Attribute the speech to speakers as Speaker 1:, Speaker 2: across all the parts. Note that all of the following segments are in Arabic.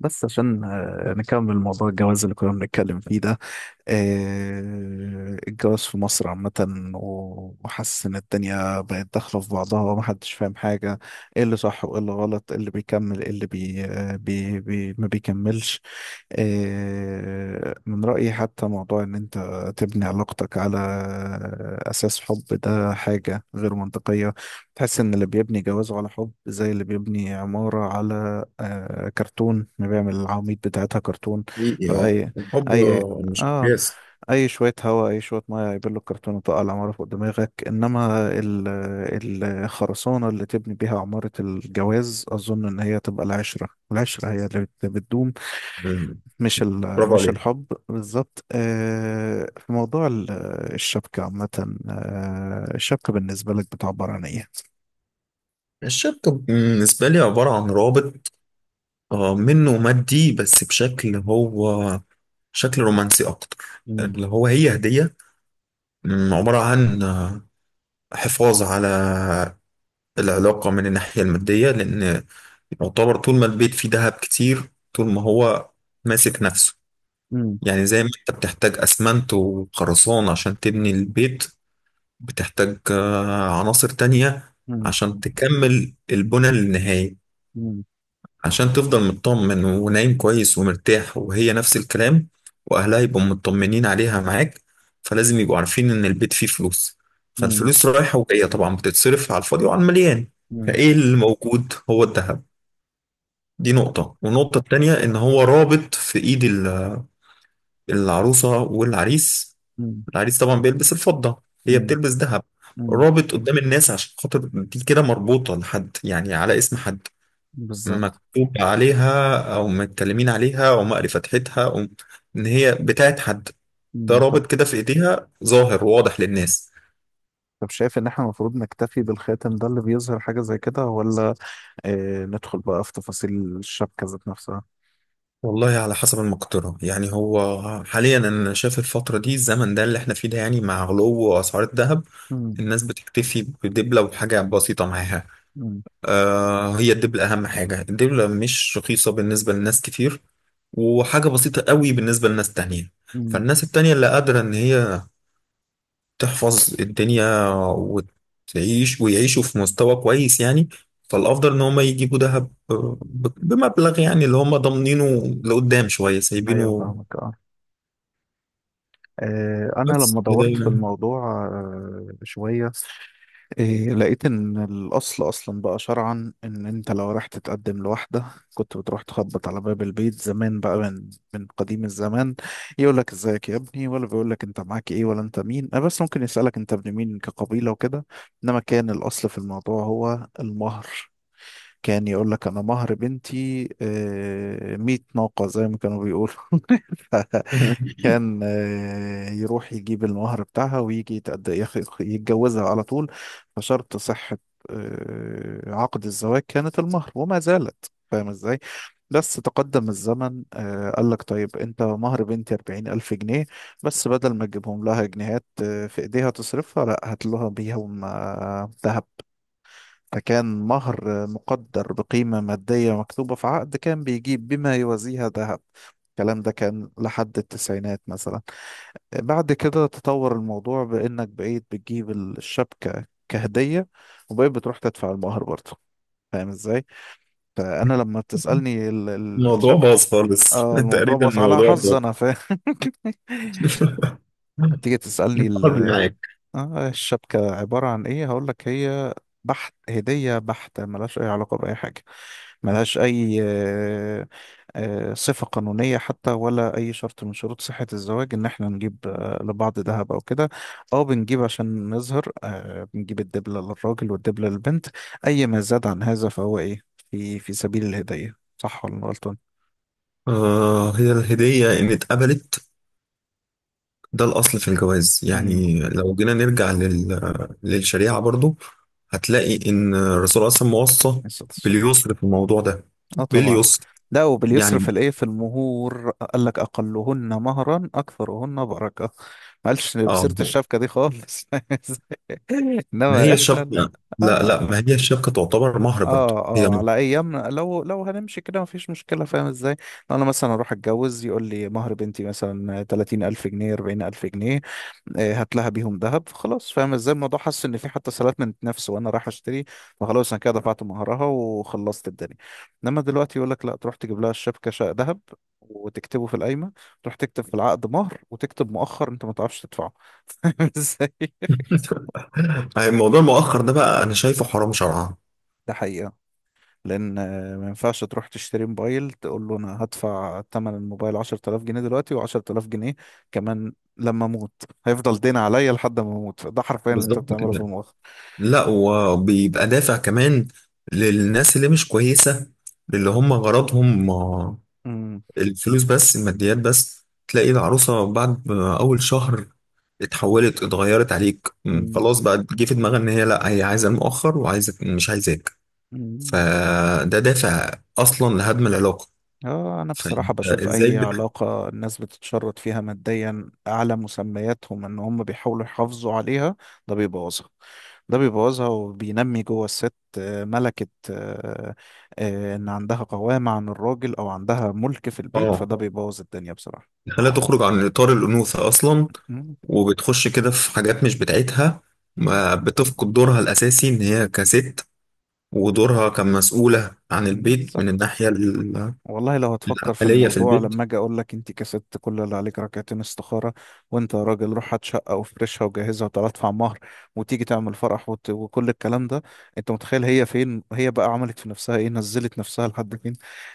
Speaker 1: بس عشان نكمل موضوع الجواز اللي كنا بنتكلم فيه ده. الجواز في مصر عامة. و- وحاسس إن الدنيا بقت داخلة في بعضها ومحدش فاهم حاجة، إيه اللي صح وإيه اللي غلط، إيه اللي بيكمل إيه اللي بي ما بيكملش. من رأيي حتى موضوع إن أنت تبني علاقتك على أساس حب ده حاجة غير منطقية. تحس إن اللي بيبني جوازه على حب زي اللي بيبني عمارة على كرتون، ما بيعمل العواميد بتاعتها كرتون.
Speaker 2: حقيقي، اه.
Speaker 1: فأي
Speaker 2: الحب
Speaker 1: أي
Speaker 2: مش
Speaker 1: اه
Speaker 2: مقياس.
Speaker 1: اي شويه هواء، اي شويه ميه هيبل الكرتونه، تقع العماره فوق دماغك. انما الخرسانه اللي تبني بيها عماره الجواز اظن ان هي تبقى العشره، العشره هي اللي بتدوم.
Speaker 2: مم.
Speaker 1: مش ال-
Speaker 2: برافو
Speaker 1: مش
Speaker 2: عليك.
Speaker 1: الحب بالظبط. في موضوع الشبكه عامه. الشبكه بالنسبه لك بتعبر عن ايه؟
Speaker 2: الشبكة بالنسبة لي عبارة عن رابط منه مادي، بس بشكل هو شكل رومانسي أكتر،
Speaker 1: مم.
Speaker 2: اللي هو هي هدية. عبارة عن حفاظ على العلاقة من الناحية المادية، لأن يعتبر طول ما البيت فيه دهب كتير طول ما هو ماسك نفسه.
Speaker 1: مم.
Speaker 2: يعني زي ما انت بتحتاج اسمنت وخرسانة عشان تبني البيت، بتحتاج عناصر تانية
Speaker 1: مم.
Speaker 2: عشان تكمل البنى للنهاية،
Speaker 1: مم.
Speaker 2: عشان تفضل مطمن ونايم كويس ومرتاح، وهي نفس الكلام. وأهلها يبقوا مطمنين عليها معاك، فلازم يبقوا عارفين إن البيت فيه فلوس.
Speaker 1: مم.
Speaker 2: فالفلوس رايحة وجاية طبعا، بتتصرف على الفاضي وعلى المليان.
Speaker 1: مم.
Speaker 2: فإيه اللي موجود؟ هو الذهب. دي نقطة. والنقطة التانية إن هو رابط في إيد العروسة والعريس.
Speaker 1: مم.
Speaker 2: العريس طبعا بيلبس الفضة، هي
Speaker 1: مم.
Speaker 2: بتلبس ذهب.
Speaker 1: مم.
Speaker 2: رابط قدام الناس، عشان خاطر دي كده مربوطة لحد، يعني على اسم حد،
Speaker 1: بالظبط.
Speaker 2: مكتوب عليها أو متكلمين عليها أو مقري فتحتها، أو إن هي بتاعت حد. ده
Speaker 1: مم. طب،
Speaker 2: رابط كده في إيديها، ظاهر واضح للناس.
Speaker 1: طب شايف ان احنا المفروض نكتفي بالخاتم ده اللي بيظهر حاجة زي كده، ولا اه ندخل بقى في تفاصيل الشبكة ذات نفسها؟
Speaker 2: والله على حسب المقدرة. يعني هو حاليا أنا شايف الفترة دي، الزمن ده اللي إحنا فيه ده، يعني مع غلو أسعار الذهب
Speaker 1: امم.
Speaker 2: الناس بتكتفي بدبلة وحاجة بسيطة معاها.
Speaker 1: امم.
Speaker 2: هي الدبلة أهم حاجة. الدبلة مش رخيصة بالنسبة لناس كتير، وحاجة بسيطة قوي بالنسبة لناس تانية.
Speaker 1: امم.
Speaker 2: فالناس التانية اللي قادرة إن هي تحفظ الدنيا وتعيش، ويعيشوا في مستوى كويس يعني، فالأفضل إن هما يجيبوا دهب بمبلغ، يعني اللي هما ضامنينه لقدام شوية
Speaker 1: ايوه
Speaker 2: سايبينه.
Speaker 1: فاهمك، اه. انا
Speaker 2: بس
Speaker 1: لما
Speaker 2: كده
Speaker 1: دورت في
Speaker 2: يعني.
Speaker 1: الموضوع شوية، إيه لقيت ان الاصل اصلا بقى شرعا ان انت لو رايح تتقدم لواحده كنت بتروح تخبط على باب البيت زمان بقى من قديم الزمان. يقول لك ازيك يا ابني، ولا بيقول لك انت معاك ايه، ولا انت مين. أه بس ممكن يسالك انت ابن مين كقبيله وكده. انما كان الاصل في الموضوع هو المهر. كان يقول لك انا مهر بنتي 100 ناقة زي ما كانوا بيقولوا. ف- كان يروح يجيب المهر بتاعها ويجي يتجوزها على طول. فشرط صحة عقد الزواج كانت المهر، وما زالت، فاهم ازاي؟ بس تقدم الزمن قال لك طيب انت مهر بنتي 40 ألف جنيه، بس بدل ما تجيبهم لها جنيهات في ايديها تصرفها، لا، هات لها بيهم دهب. فكان مهر مقدر بقيمة مادية مكتوبة في عقد، كان بيجيب بما يوازيها ذهب. الكلام ده كان لحد التسعينات مثلا. بعد كده تطور الموضوع بإنك بقيت بتجيب الشبكة كهدية، وبقيت بتروح تدفع المهر برضه، فاهم ازاي؟ فأنا لما بتسألني
Speaker 2: الموضوع
Speaker 1: الشبكة،
Speaker 2: باظ خالص.
Speaker 1: آه الموضوع
Speaker 2: تقريبا
Speaker 1: بص على
Speaker 2: الموضوع
Speaker 1: حظ،
Speaker 2: باظ.
Speaker 1: أنا فاهم. تيجي تسألني
Speaker 2: حظي معاك.
Speaker 1: آه الشبكة عبارة عن إيه؟ هقولك، هي بحت هدية بحتة، ملهاش أي علاقة بأي حاجة، ملهاش أي صفة قانونية حتى، ولا أي شرط من شروط صحة الزواج إن إحنا نجيب لبعض ذهب أو كده، أو بنجيب عشان نظهر، بنجيب الدبلة للراجل والدبلة للبنت. أي ما زاد عن هذا فهو إيه؟ في سبيل الهدية، صح ولا أنا غلطان؟
Speaker 2: هي الهدية، إن اتقبلت ده الأصل في الجواز.
Speaker 1: امم.
Speaker 2: يعني لو جينا نرجع للشريعة برضو، هتلاقي إن الرسول أصلا موصى
Speaker 1: الصلاة والسلام.
Speaker 2: باليسر في الموضوع ده،
Speaker 1: اه طبعا.
Speaker 2: باليسر
Speaker 1: لا، وباليسر
Speaker 2: يعني.
Speaker 1: في الايه في المهور قال لك اقلهن مهرا اكثرهن بركه، ما قالش بسيره
Speaker 2: آه
Speaker 1: الشبكه دي خالص.
Speaker 2: ما
Speaker 1: انما
Speaker 2: هي
Speaker 1: احنا لا.
Speaker 2: الشبكة، لا، لا،
Speaker 1: آه.
Speaker 2: ما هي الشبكة تعتبر مهر برضو،
Speaker 1: اه،
Speaker 2: هي
Speaker 1: اه
Speaker 2: مهر.
Speaker 1: على ايامنا لو هنمشي كده مفيش مشكله، فاهم ازاي؟ لو انا مثلا اروح اتجوز يقول لي مهر بنتي مثلا 30 الف جنيه، 40 الف جنيه، هات لها بيهم ذهب، خلاص، فاهم ازاي الموضوع؟ حاسس ان في حتى سلات من نفسه وانا رايح اشتري، فخلاص انا كده دفعت مهرها وخلصت الدنيا. انما دلوقتي يقول لك لا، تروح تجيب لها الشبكه شقه ذهب، وتكتبه في القايمه، تروح تكتب في العقد مهر وتكتب مؤخر انت ما تعرفش تدفعه. فاهم ازاي؟
Speaker 2: الموضوع المؤخر ده بقى أنا شايفه حرام شرعا.
Speaker 1: ده حقيقه. لان ما ينفعش تروح تشتري موبايل تقول له انا هدفع ثمن الموبايل 10,000 جنيه دلوقتي و10000 جنيه كمان لما اموت، هيفضل دين عليا لحد ما اموت، ده حرفيا اللي انت
Speaker 2: بالظبط
Speaker 1: بتعمله في
Speaker 2: كده.
Speaker 1: المؤخر.
Speaker 2: لا، وبيبقى دافع كمان للناس اللي مش كويسة، اللي هم غرضهم
Speaker 1: امم.
Speaker 2: الفلوس بس، الماديات بس. تلاقي العروسة بعد ما أول شهر اتحولت، اتغيرت عليك. خلاص بقى جه في دماغها إن هي، لأ، هي عايزة المؤخر، وعايزة، مش عايزاك.
Speaker 1: امم.
Speaker 2: فده دافع أصلا لهدم العلاقة.
Speaker 1: اه، انا بصراحة
Speaker 2: فأنت
Speaker 1: بشوف
Speaker 2: إزاي
Speaker 1: اي علاقة الناس بتتشرط فيها ماديا اعلى مسمياتهم ان هم بيحاولوا يحافظوا عليها، ده بيبوظها. ده بيبوظها وبينمي جوه الست ملكة، ان عندها قوامة عن الراجل او عندها ملك في البيت،
Speaker 2: آه
Speaker 1: فده بيبوظ الدنيا بصراحة.
Speaker 2: خليها تخرج عن إطار الأنوثة أصلا،
Speaker 1: مم.
Speaker 2: وبتخش كده في حاجات مش بتاعتها،
Speaker 1: مم.
Speaker 2: ما بتفقد دورها الأساسي إن هي كست، ودورها كمسؤولة عن
Speaker 1: مم.
Speaker 2: البيت من
Speaker 1: بالظبط.
Speaker 2: الناحية
Speaker 1: والله لو هتفكر في
Speaker 2: العملية في
Speaker 1: الموضوع، لما
Speaker 2: البيت.
Speaker 1: اجي اقول لك انت كسبت كل اللي عليك ركعتين استخاره، وانت يا راجل روح هات شقه وفرشها وجهزها وتعالى ادفع مهر وتيجي تعمل فرح وت... وكل الكلام ده. انت متخيل هي فين، هي بقى عملت في نفسها ايه، نزلت نفسها لحد فين،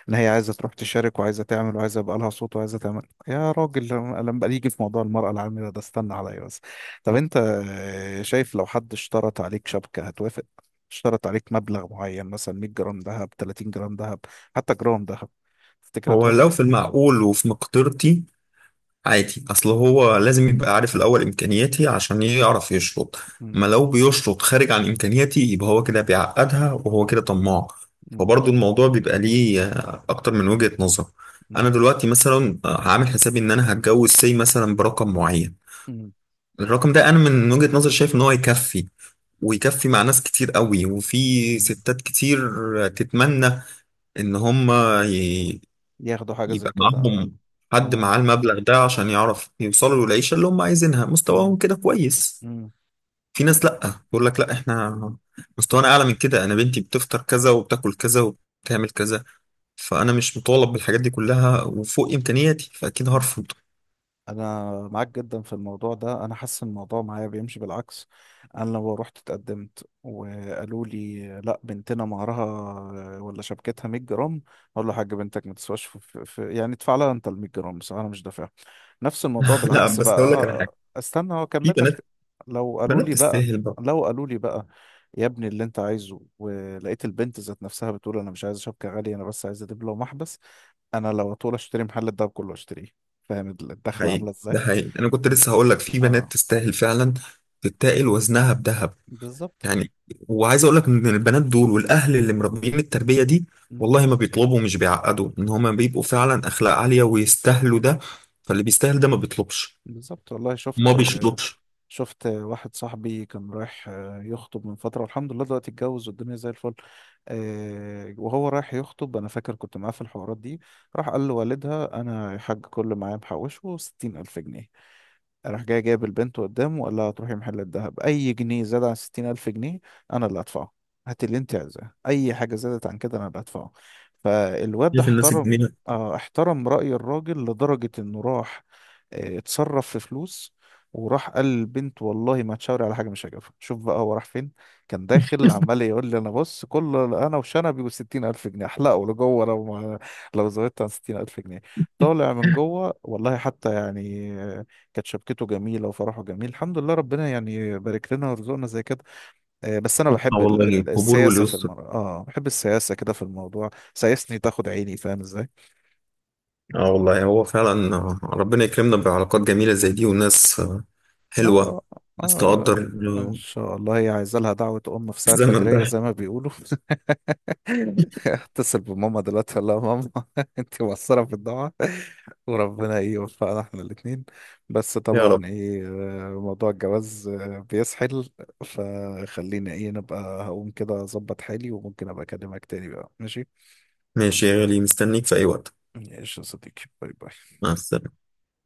Speaker 1: ان هي عايزه تروح تشارك وعايزه تعمل وعايزه يبقى لها صوت وعايزه تعمل. يا راجل لما يجي في موضوع المراه العامله ده استنى عليا بس. طب انت شايف لو حد اشترط عليك شبكه هتوافق؟ اشترط عليك مبلغ معين مثلا 100 جرام ذهب، 30 جرام ذهب، حتى جرام ذهب، تفتكر
Speaker 2: هو
Speaker 1: هتوافق؟
Speaker 2: لو في المعقول وفي مقدرتي، عادي. اصل هو لازم يبقى عارف الاول امكانياتي عشان يعرف يشرط.
Speaker 1: مم.
Speaker 2: ما لو بيشرط خارج عن امكانياتي، يبقى هو كده بيعقدها، وهو كده طماع.
Speaker 1: مم.
Speaker 2: فبرضه الموضوع بيبقى ليه اكتر من وجهة نظر. انا
Speaker 1: مم.
Speaker 2: دلوقتي مثلا هعمل حسابي ان انا هتجوز سي مثلا برقم معين.
Speaker 1: مم.
Speaker 2: الرقم ده انا من وجهة نظر شايف ان هو يكفي، ويكفي مع ناس كتير قوي، وفي
Speaker 1: مم.
Speaker 2: ستات كتير تتمنى ان هم
Speaker 1: ياخدوا حاجة
Speaker 2: يبقى
Speaker 1: زي كده، اه.
Speaker 2: معاهم حد
Speaker 1: آه،
Speaker 2: معاه المبلغ ده عشان يعرف يوصلوا للعيشة اللي هم عايزينها،
Speaker 1: مم.
Speaker 2: مستواهم كده كويس.
Speaker 1: مم.
Speaker 2: في ناس لأ، بيقول لك لأ، احنا مستوانا أعلى من كده، أنا بنتي بتفطر كذا، وبتاكل كذا، وبتعمل كذا، فأنا مش مطالب بالحاجات دي كلها، وفوق إمكانياتي، فأكيد
Speaker 1: مم.
Speaker 2: هرفض.
Speaker 1: انا معاك جدا في الموضوع ده، انا حاسس إن الموضوع معايا بيمشي بالعكس. انا لو رحت اتقدمت وقالوا لي لا بنتنا مهرها ولا شبكتها 100 جرام، اقول له يا حاج بنتك ما تسواش في يعني، ادفع لها انت ال 100 جرام، بس انا مش دافع. نفس الموضوع
Speaker 2: لا،
Speaker 1: بالعكس
Speaker 2: بس
Speaker 1: بقى.
Speaker 2: أقول لك على حاجة.
Speaker 1: استنى هو
Speaker 2: في
Speaker 1: اكمل لك.
Speaker 2: بنات،
Speaker 1: لو قالوا
Speaker 2: بنات
Speaker 1: لي بقى
Speaker 2: تستاهل بقى.
Speaker 1: لو قالوا لي بقى يا ابني اللي انت عايزه، ولقيت البنت ذات نفسها بتقول انا مش عايز شبكة غالية انا بس عايز دبلة ومحبس، انا لو طول اشتري محل الدهب كله اشتريه، فاهم الدخلة
Speaker 2: حقيقي،
Speaker 1: عاملة
Speaker 2: ده
Speaker 1: ازاي؟
Speaker 2: حقيقي، أنا كنت
Speaker 1: انت
Speaker 2: لسه هقول لك في بنات
Speaker 1: اه
Speaker 2: تستاهل فعلا، تتاقل وزنها بذهب
Speaker 1: بالظبط.
Speaker 2: يعني. وعايز اقول لك ان البنات دول والاهل اللي مربيين التربيه دي،
Speaker 1: مم.
Speaker 2: والله ما بيطلبوا، مش بيعقدوا، ان هما بيبقوا فعلا اخلاق عاليه ويستاهلوا ده. فاللي بيستاهل ده ما بيطلبش،
Speaker 1: بالظبط والله.
Speaker 2: ما
Speaker 1: شفت
Speaker 2: بيشطبش.
Speaker 1: واحد صاحبي كان رايح يخطب من فترة، والحمد لله دلوقتي اتجوز والدنيا زي الفل. وهو رايح يخطب أنا فاكر كنت معاه في الحوارات دي. راح قال لوالدها أنا يا حاج كل اللي معايا محوشه 60,000 جنيه، راح جاي جايب البنت قدامه وقال لها هتروحي محل الذهب، أي جنيه زاد عن 60,000 جنيه أنا اللي هدفعه، هات اللي أنت عايزاه، أي حاجة زادت عن كده أنا اللي هدفعه. فالواد
Speaker 2: شايف الناس
Speaker 1: احترم
Speaker 2: الجميله.
Speaker 1: احترم رأي الراجل لدرجة إنه راح اتصرف في فلوس، وراح قال للبنت والله ما تشاوري على حاجة مش هجيبها. شوف بقى هو راح فين، كان داخل عمال يقول لي أنا بص، كل أنا وشنبي وستين ألف جنيه أحلقه لجوه لو ما، لو زودت عن 60,000 جنيه، طالع من جوه والله. حتى يعني كانت شبكته جميله وفرحه جميل الحمد لله، ربنا يعني بارك لنا ورزقنا زي كده. بس انا
Speaker 2: اه،
Speaker 1: بحب
Speaker 2: والله، القبول
Speaker 1: السياسه في
Speaker 2: واليسر.
Speaker 1: المره، اه بحب السياسه كده في الموضوع، سياسني تاخد عيني، فاهم ازاي؟
Speaker 2: اه والله هو فعلا، ربنا يكرمنا بعلاقات جميله زي دي، وناس
Speaker 1: اه
Speaker 2: حلوه، ناس
Speaker 1: اه
Speaker 2: تقدر.
Speaker 1: ان
Speaker 2: آه،
Speaker 1: شاء الله. هي عايزه لها دعوه ام في ساعه
Speaker 2: الزمن
Speaker 1: فجريه
Speaker 2: ده.
Speaker 1: زي ما بيقولوا. اتصل بماما دلوقتي اقول لها ماما انت مقصره في الدعاء، وربنا ايه يوفقنا احنا الاثنين. بس
Speaker 2: يا
Speaker 1: طبعا
Speaker 2: رب.
Speaker 1: ايه موضوع الجواز بيسحل، فخلينا ايه نبقى، هقوم كده اظبط حالي وممكن ابقى اكلمك تاني بقى، ماشي؟
Speaker 2: ماشي يا غالي، مستنيك في اي وقت.
Speaker 1: ماشي يا صديقي، باي باي.
Speaker 2: مع السلامه.